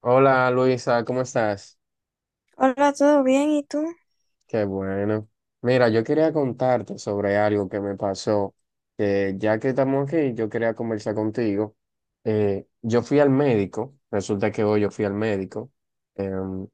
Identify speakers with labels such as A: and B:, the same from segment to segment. A: Hola Luisa, ¿cómo estás?
B: Hola, ¿todo bien? ¿Y tú?
A: Qué bueno. Mira, yo quería contarte sobre algo que me pasó, que ya que estamos aquí, yo quería conversar contigo. Yo fui al médico. Resulta que hoy yo fui al médico. em,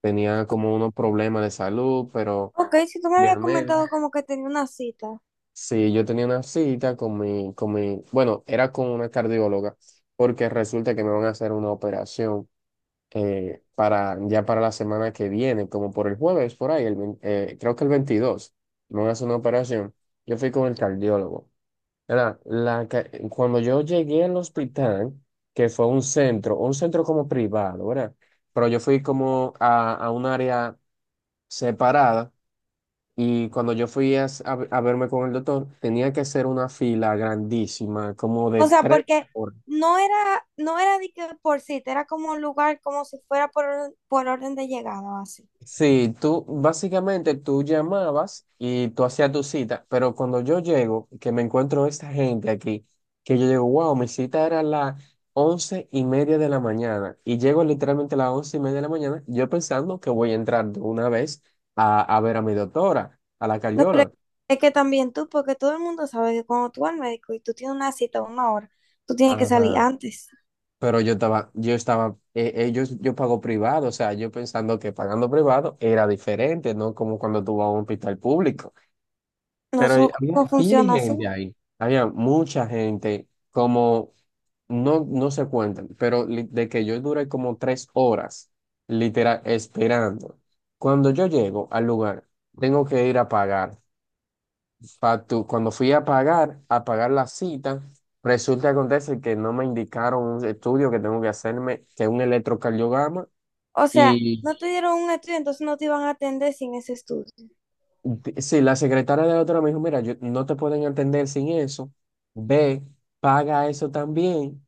A: Tenía como unos problemas de salud, pero
B: Ok, si tú me
A: y el
B: habías
A: médico,
B: comentado como que tenía una cita.
A: sí, yo tenía una cita con mi, bueno, era con una cardióloga, porque resulta que me van a hacer una operación. Para la semana que viene, como por el jueves, por ahí, creo que el 22 me van a hacer una operación. Yo fui con el cardiólogo. Era la, ca- Cuando yo llegué al hospital, que fue un centro como privado, ¿verdad? Pero yo fui como a un área separada, y cuando yo fui a verme con el doctor, tenía que hacer una fila grandísima, como de
B: O sea,
A: tres.
B: porque no era, no era de que por cita, era como un lugar como si fuera por, por orden de llegada o así.
A: Sí, tú básicamente tú llamabas y tú hacías tu cita, pero cuando yo llego, que me encuentro esta gente aquí, que yo digo, wow, mi cita era a las 11:30 de la mañana y llego literalmente a las 11:30 de la mañana, yo pensando que voy a entrar de una vez a ver a mi doctora, a la
B: No, pero
A: cardióloga.
B: es que también tú, porque todo el mundo sabe que cuando tú vas al médico y tú tienes una cita a una hora, tú tienes que salir
A: Ajá.
B: antes.
A: Pero yo pago privado, o sea, yo pensando que pagando privado era diferente, ¿no? Como cuando tú vas a un hospital público.
B: No
A: Pero
B: sé
A: había
B: cómo
A: pila de
B: funciona así.
A: gente ahí, había mucha gente, como no, no se cuentan, pero de que yo duré como 3 horas, literal, esperando. Cuando yo llego al lugar, tengo que ir a pagar. Cuando fui a pagar la cita, resulta que acontece que no me indicaron un estudio que tengo que hacerme, que es un electrocardiograma,
B: O sea,
A: y
B: no te dieron un estudio, entonces no te iban a atender sin ese estudio.
A: sí, la secretaria de la otra me dijo, mira, yo, no te pueden atender sin eso, ve, paga eso también.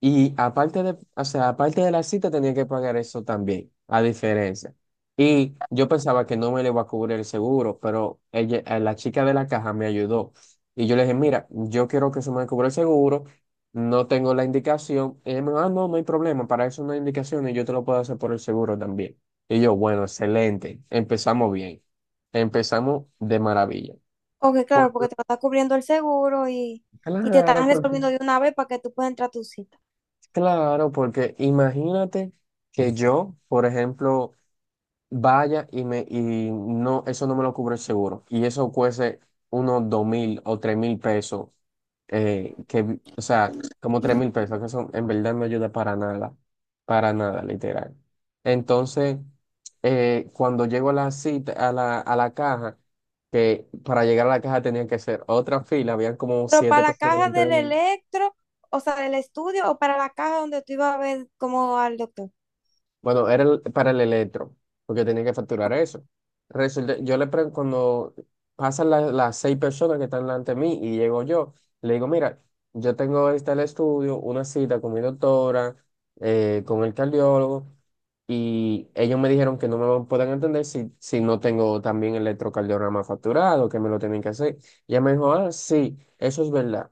A: Y aparte de, o sea, aparte de la cita tenía que pagar eso también, a diferencia. Y yo pensaba que no me le iba a cubrir el seguro, pero ella, la chica de la caja me ayudó. Y yo le dije, mira, yo quiero que se me cubra el seguro, no tengo la indicación. Y ella me dijo, ah, no, no hay problema, para eso no hay indicación y yo te lo puedo hacer por el seguro también. Y yo, bueno, excelente, empezamos bien, empezamos de maravilla.
B: Ok, claro,
A: Cuando-
B: porque te lo está cubriendo el seguro y te
A: Claro,
B: están
A: porque
B: resolviendo de una vez para que tú puedas entrar a tu cita.
A: Claro, porque imagínate que yo, por ejemplo, vaya y me y no, eso no me lo cubre el seguro. Y eso cueste unos 2.000 o 3.000 pesos, que, o sea, como 3.000 pesos, que eso en verdad no ayuda para nada, literal. Entonces, cuando llego a la cita, a la caja, que para llegar a la caja tenía que hacer otra fila, habían como
B: Pero para
A: siete
B: la
A: personas
B: caja
A: delante
B: del
A: de mí.
B: electro, o sea, del estudio, o para la caja donde tú ibas a ver como al doctor.
A: Bueno, era para el electro, porque tenía que facturar eso. Resulta, yo le pregunto, cuando pasan las seis personas que están delante de mí y llego yo, le digo, mira, yo tengo este el estudio, una cita con mi doctora, con el cardiólogo, y ellos me dijeron que no me lo pueden entender si no tengo también el electrocardiograma facturado, que me lo tienen que hacer. Y ella me dijo, ah, sí, eso es verdad.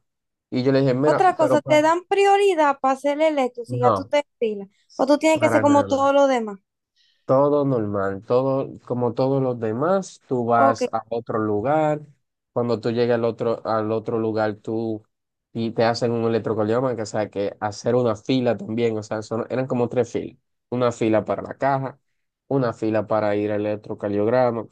A: Y yo le dije, mira,
B: Otra cosa, te dan prioridad para hacer el electro si ya tú
A: no,
B: te pilas. O tú tienes que ser
A: para
B: como
A: nada.
B: todos los demás.
A: Todo normal, todo como todos los demás, tú
B: Ok.
A: vas a otro lugar, cuando tú llegas al otro lugar, tú y te hacen un electrocardiograma, que, o sea, que hacer una fila también, o sea, eran como tres filas, una fila para la caja, una fila para ir al electrocardiograma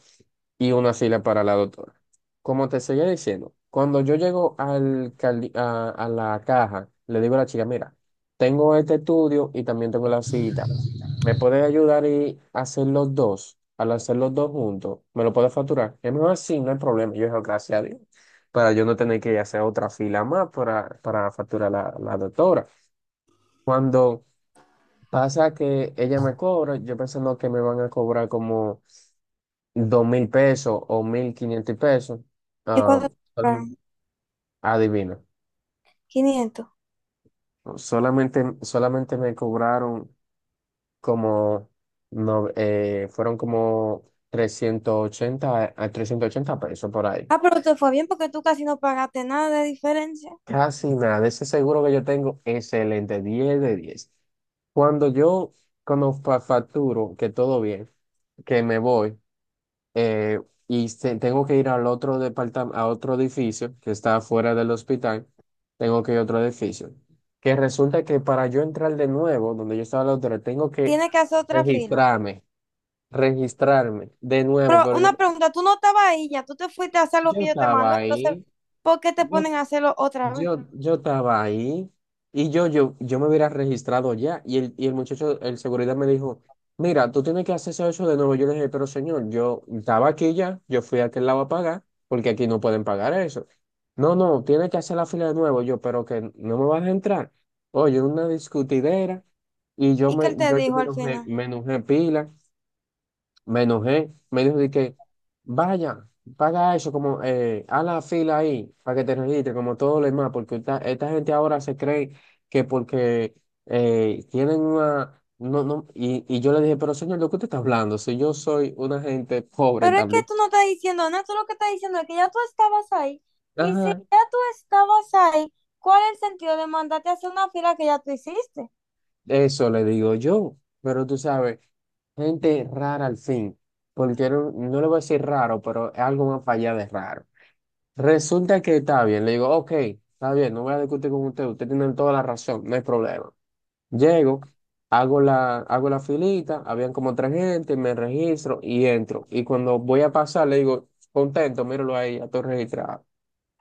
A: y una fila para la doctora. Como te seguía diciendo, cuando yo llego a la caja, le digo a la chica, mira, tengo este estudio y también tengo la cita. ¿Me puedes ayudar y hacer los dos? Al hacer los dos juntos, ¿me lo puedes facturar? Es mejor así, no hay problema. Yo digo, gracias a Dios. Para yo no tener que hacer otra fila más para facturar la doctora. Cuando pasa que ella me cobra, yo pensando que me van a cobrar como 2.000 pesos o 1.500 pesos.
B: ¿Y
A: ah,
B: cuánto te
A: solam-
B: pagaron?
A: Adivina.
B: 500.
A: Solamente, solamente me cobraron como no, fueron como trescientos ochenta pesos por ahí.
B: Ah, pero te fue bien porque tú casi no pagaste nada de diferencia.
A: Casi nada, ese seguro que yo tengo, excelente, 10 de 10. Cuando yo, cuando facturo, que todo bien, que me voy, eh, tengo que ir al otro departamento, a otro edificio que está afuera del hospital, tengo que ir a otro edificio, que resulta que para yo entrar de nuevo, donde yo estaba la otra, tengo que
B: Tienes que hacer otra fila.
A: registrarme, registrarme de nuevo,
B: Pero
A: pero yo,
B: una pregunta, tú no estabas ahí ya, tú te fuiste a hacer lo
A: yo
B: que yo te
A: estaba
B: mando, entonces,
A: ahí,
B: ¿por qué te
A: yo
B: ponen a hacerlo otra vez?
A: yo estaba ahí y yo me hubiera registrado ya, y el muchacho, el seguridad me dijo, mira, tú tienes que hacerse eso de nuevo. Yo le dije, pero señor, yo estaba aquí ya, yo fui a aquel lado a pagar porque aquí no pueden pagar eso. No, no, tiene que hacer la fila de nuevo. Yo, pero que no me vas a entrar. Oye, una discutidera, y yo
B: ¿Y qué
A: me,
B: él te
A: yo, yo
B: dijo al final?
A: me enojé pila. Me enojé, me dijo de que vaya, paga eso, como haz la fila ahí para que te registre, como todo lo demás, porque esta gente ahora se cree que porque tienen una. No, no, y yo le dije, pero señor, ¿de qué usted está hablando? Si yo soy una gente pobre
B: Pero es que
A: también.
B: tú no estás diciendo nada, tú lo que estás diciendo es que ya tú estabas ahí. Y si
A: Ajá,
B: ya tú estabas ahí, ¿cuál es el sentido de mandarte a hacer una fila que ya tú hiciste?
A: eso le digo yo, pero tú sabes, gente rara al fin, porque no, no le voy a decir raro, pero es algo más allá de raro. Resulta que está bien. Le digo, ok, está bien, no voy a discutir con usted. Usted tiene toda la razón, no hay problema. Llego, hago la filita, habían como tres gente, me registro y entro. Y cuando voy a pasar, le digo, contento, míralo ahí, ya estoy registrado.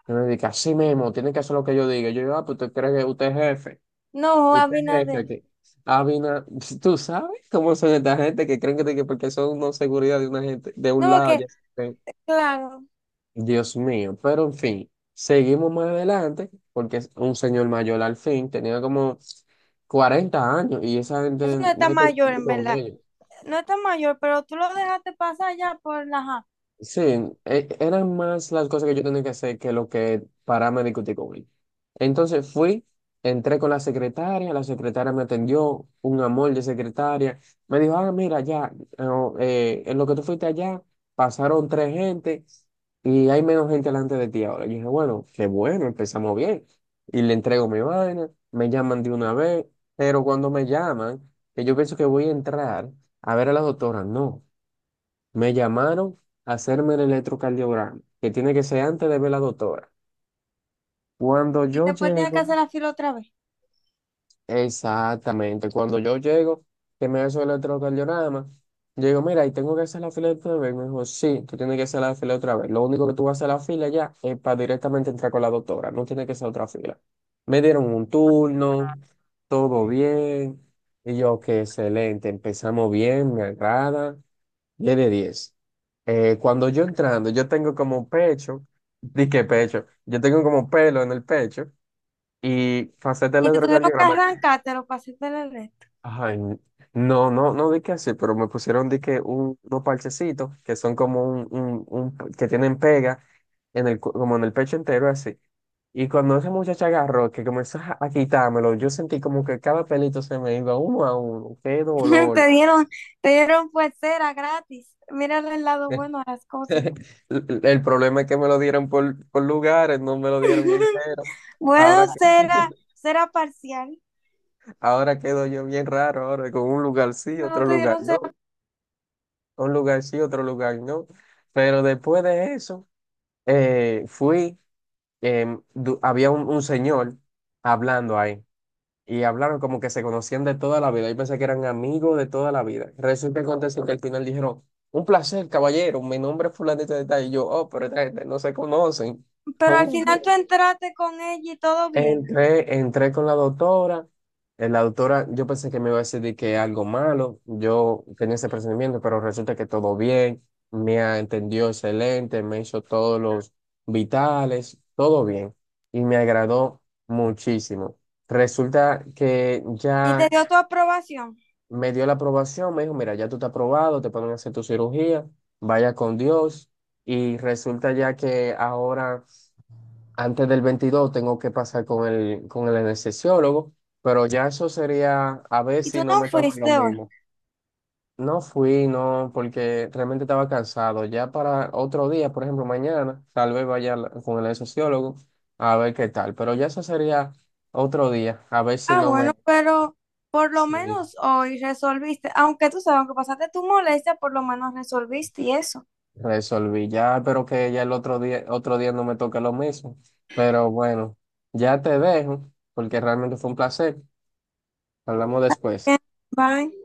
A: Y me dice, así mismo, tiene que hacer lo que yo diga. Yo digo, ah, pues usted cree que usted es jefe.
B: No,
A: Usted es jefe
B: Abinader.
A: aquí. Habina, tú sabes cómo son esta gente que creen que porque son una seguridad de una gente, de un
B: No,
A: lado, ya.
B: porque, claro,
A: Dios mío, pero en fin, seguimos más adelante porque es un señor mayor, al fin tenía como 40 años y esa
B: eso no
A: gente no
B: está
A: hay que
B: mayor,
A: discutir
B: en
A: con
B: verdad.
A: ellos.
B: No está mayor, pero tú lo dejaste pasar ya por la ja.
A: Sí, eran más las cosas que yo tenía que hacer que lo que pararme a discutir con él. Entonces fui, entré con la secretaria me atendió, un amor de secretaria. Me dijo, ah, mira, ya, no, en lo que tú fuiste allá, pasaron tres gente y hay menos gente delante de ti ahora. Yo dije, bueno, qué bueno, empezamos bien. Y le entrego mi vaina, me llaman de una vez, pero cuando me llaman, que yo pienso que voy a entrar a ver a la doctora, no. Me llamaron a hacerme el electrocardiograma, que tiene que ser antes de ver la doctora. Cuando
B: Y
A: yo
B: después tienes que
A: llego,
B: hacer la fila otra vez.
A: exactamente, cuando yo llego, que me hace el electrocardiograma, yo digo, mira, y tengo que hacer la fila otra vez. Me dijo, sí, tú tienes que hacer la fila otra vez. Lo único que tú vas a hacer la fila ya es para directamente entrar con la doctora, no tiene que ser otra fila. Me dieron un turno, todo bien, y yo, qué excelente, empezamos bien, me agrada. Tiene diez. Cuando yo entrando, yo tengo como pecho, di que pecho, yo tengo como pelo en el pecho y faceta
B: Y te tuvieron que
A: electrocardiograma.
B: arrancártelo para hacerte el resto.
A: Ay, no, no, no di que así, pero me pusieron di que unos parchecitos que son como que tienen pega en el, como en el pecho entero así. Y cuando esa muchacha agarró, que comenzó a quitármelo, yo sentí como que cada pelito se me iba uno a uno. ¡Qué
B: Te
A: dolor!
B: dieron, te dieron pues cera gratis. Mira el lado bueno a las cosas.
A: El problema es que me lo dieron por lugares, no me lo dieron entero.
B: Bueno,
A: Ahora,
B: cera, cera parcial.
A: ahora quedo yo bien raro, ahora con un lugar sí,
B: No
A: otro
B: te
A: lugar
B: dieron.
A: no, un lugar sí, otro lugar no. Pero después de eso, fui, había un señor hablando ahí y hablaron como que se conocían de toda la vida. Yo pensé que eran amigos de toda la vida. Resulta y acontece que al final dijeron, un placer, caballero, mi nombre es fulanito de tal. Y yo, oh, pero esta gente no se conocen.
B: Pero al final tú entraste con ella y todo bien.
A: Entré, entré con la doctora. La doctora, yo pensé que me iba a decir de que algo malo. Yo tenía ese presentimiento, pero resulta que todo bien. Me entendió excelente, me hizo todos los vitales, todo bien. Y me agradó muchísimo. Resulta que
B: Y te
A: ya
B: dio tu aprobación.
A: me dio la aprobación. Me dijo, mira, ya tú estás aprobado, te pueden hacer tu cirugía. Vaya con Dios. Y resulta ya que ahora antes del 22 tengo que pasar con el anestesiólogo, pero ya eso sería a ver
B: Y tú
A: si no
B: no
A: me toca lo
B: fuiste hoy.
A: mismo. No fui, no, porque realmente estaba cansado. Ya para otro día, por ejemplo, mañana, tal vez vaya con el sociólogo a ver qué tal. Pero ya eso sería otro día, a ver si
B: Ah,
A: no
B: bueno,
A: me
B: pero por lo
A: sí,
B: menos hoy resolviste. Aunque tú sabes, aunque pasaste tu molestia, por lo menos resolviste y eso.
A: resolví. Ya espero que ya el otro día no me toque lo mismo. Pero bueno, ya te dejo, porque realmente fue un placer. Hablamos después.
B: Bien, bye.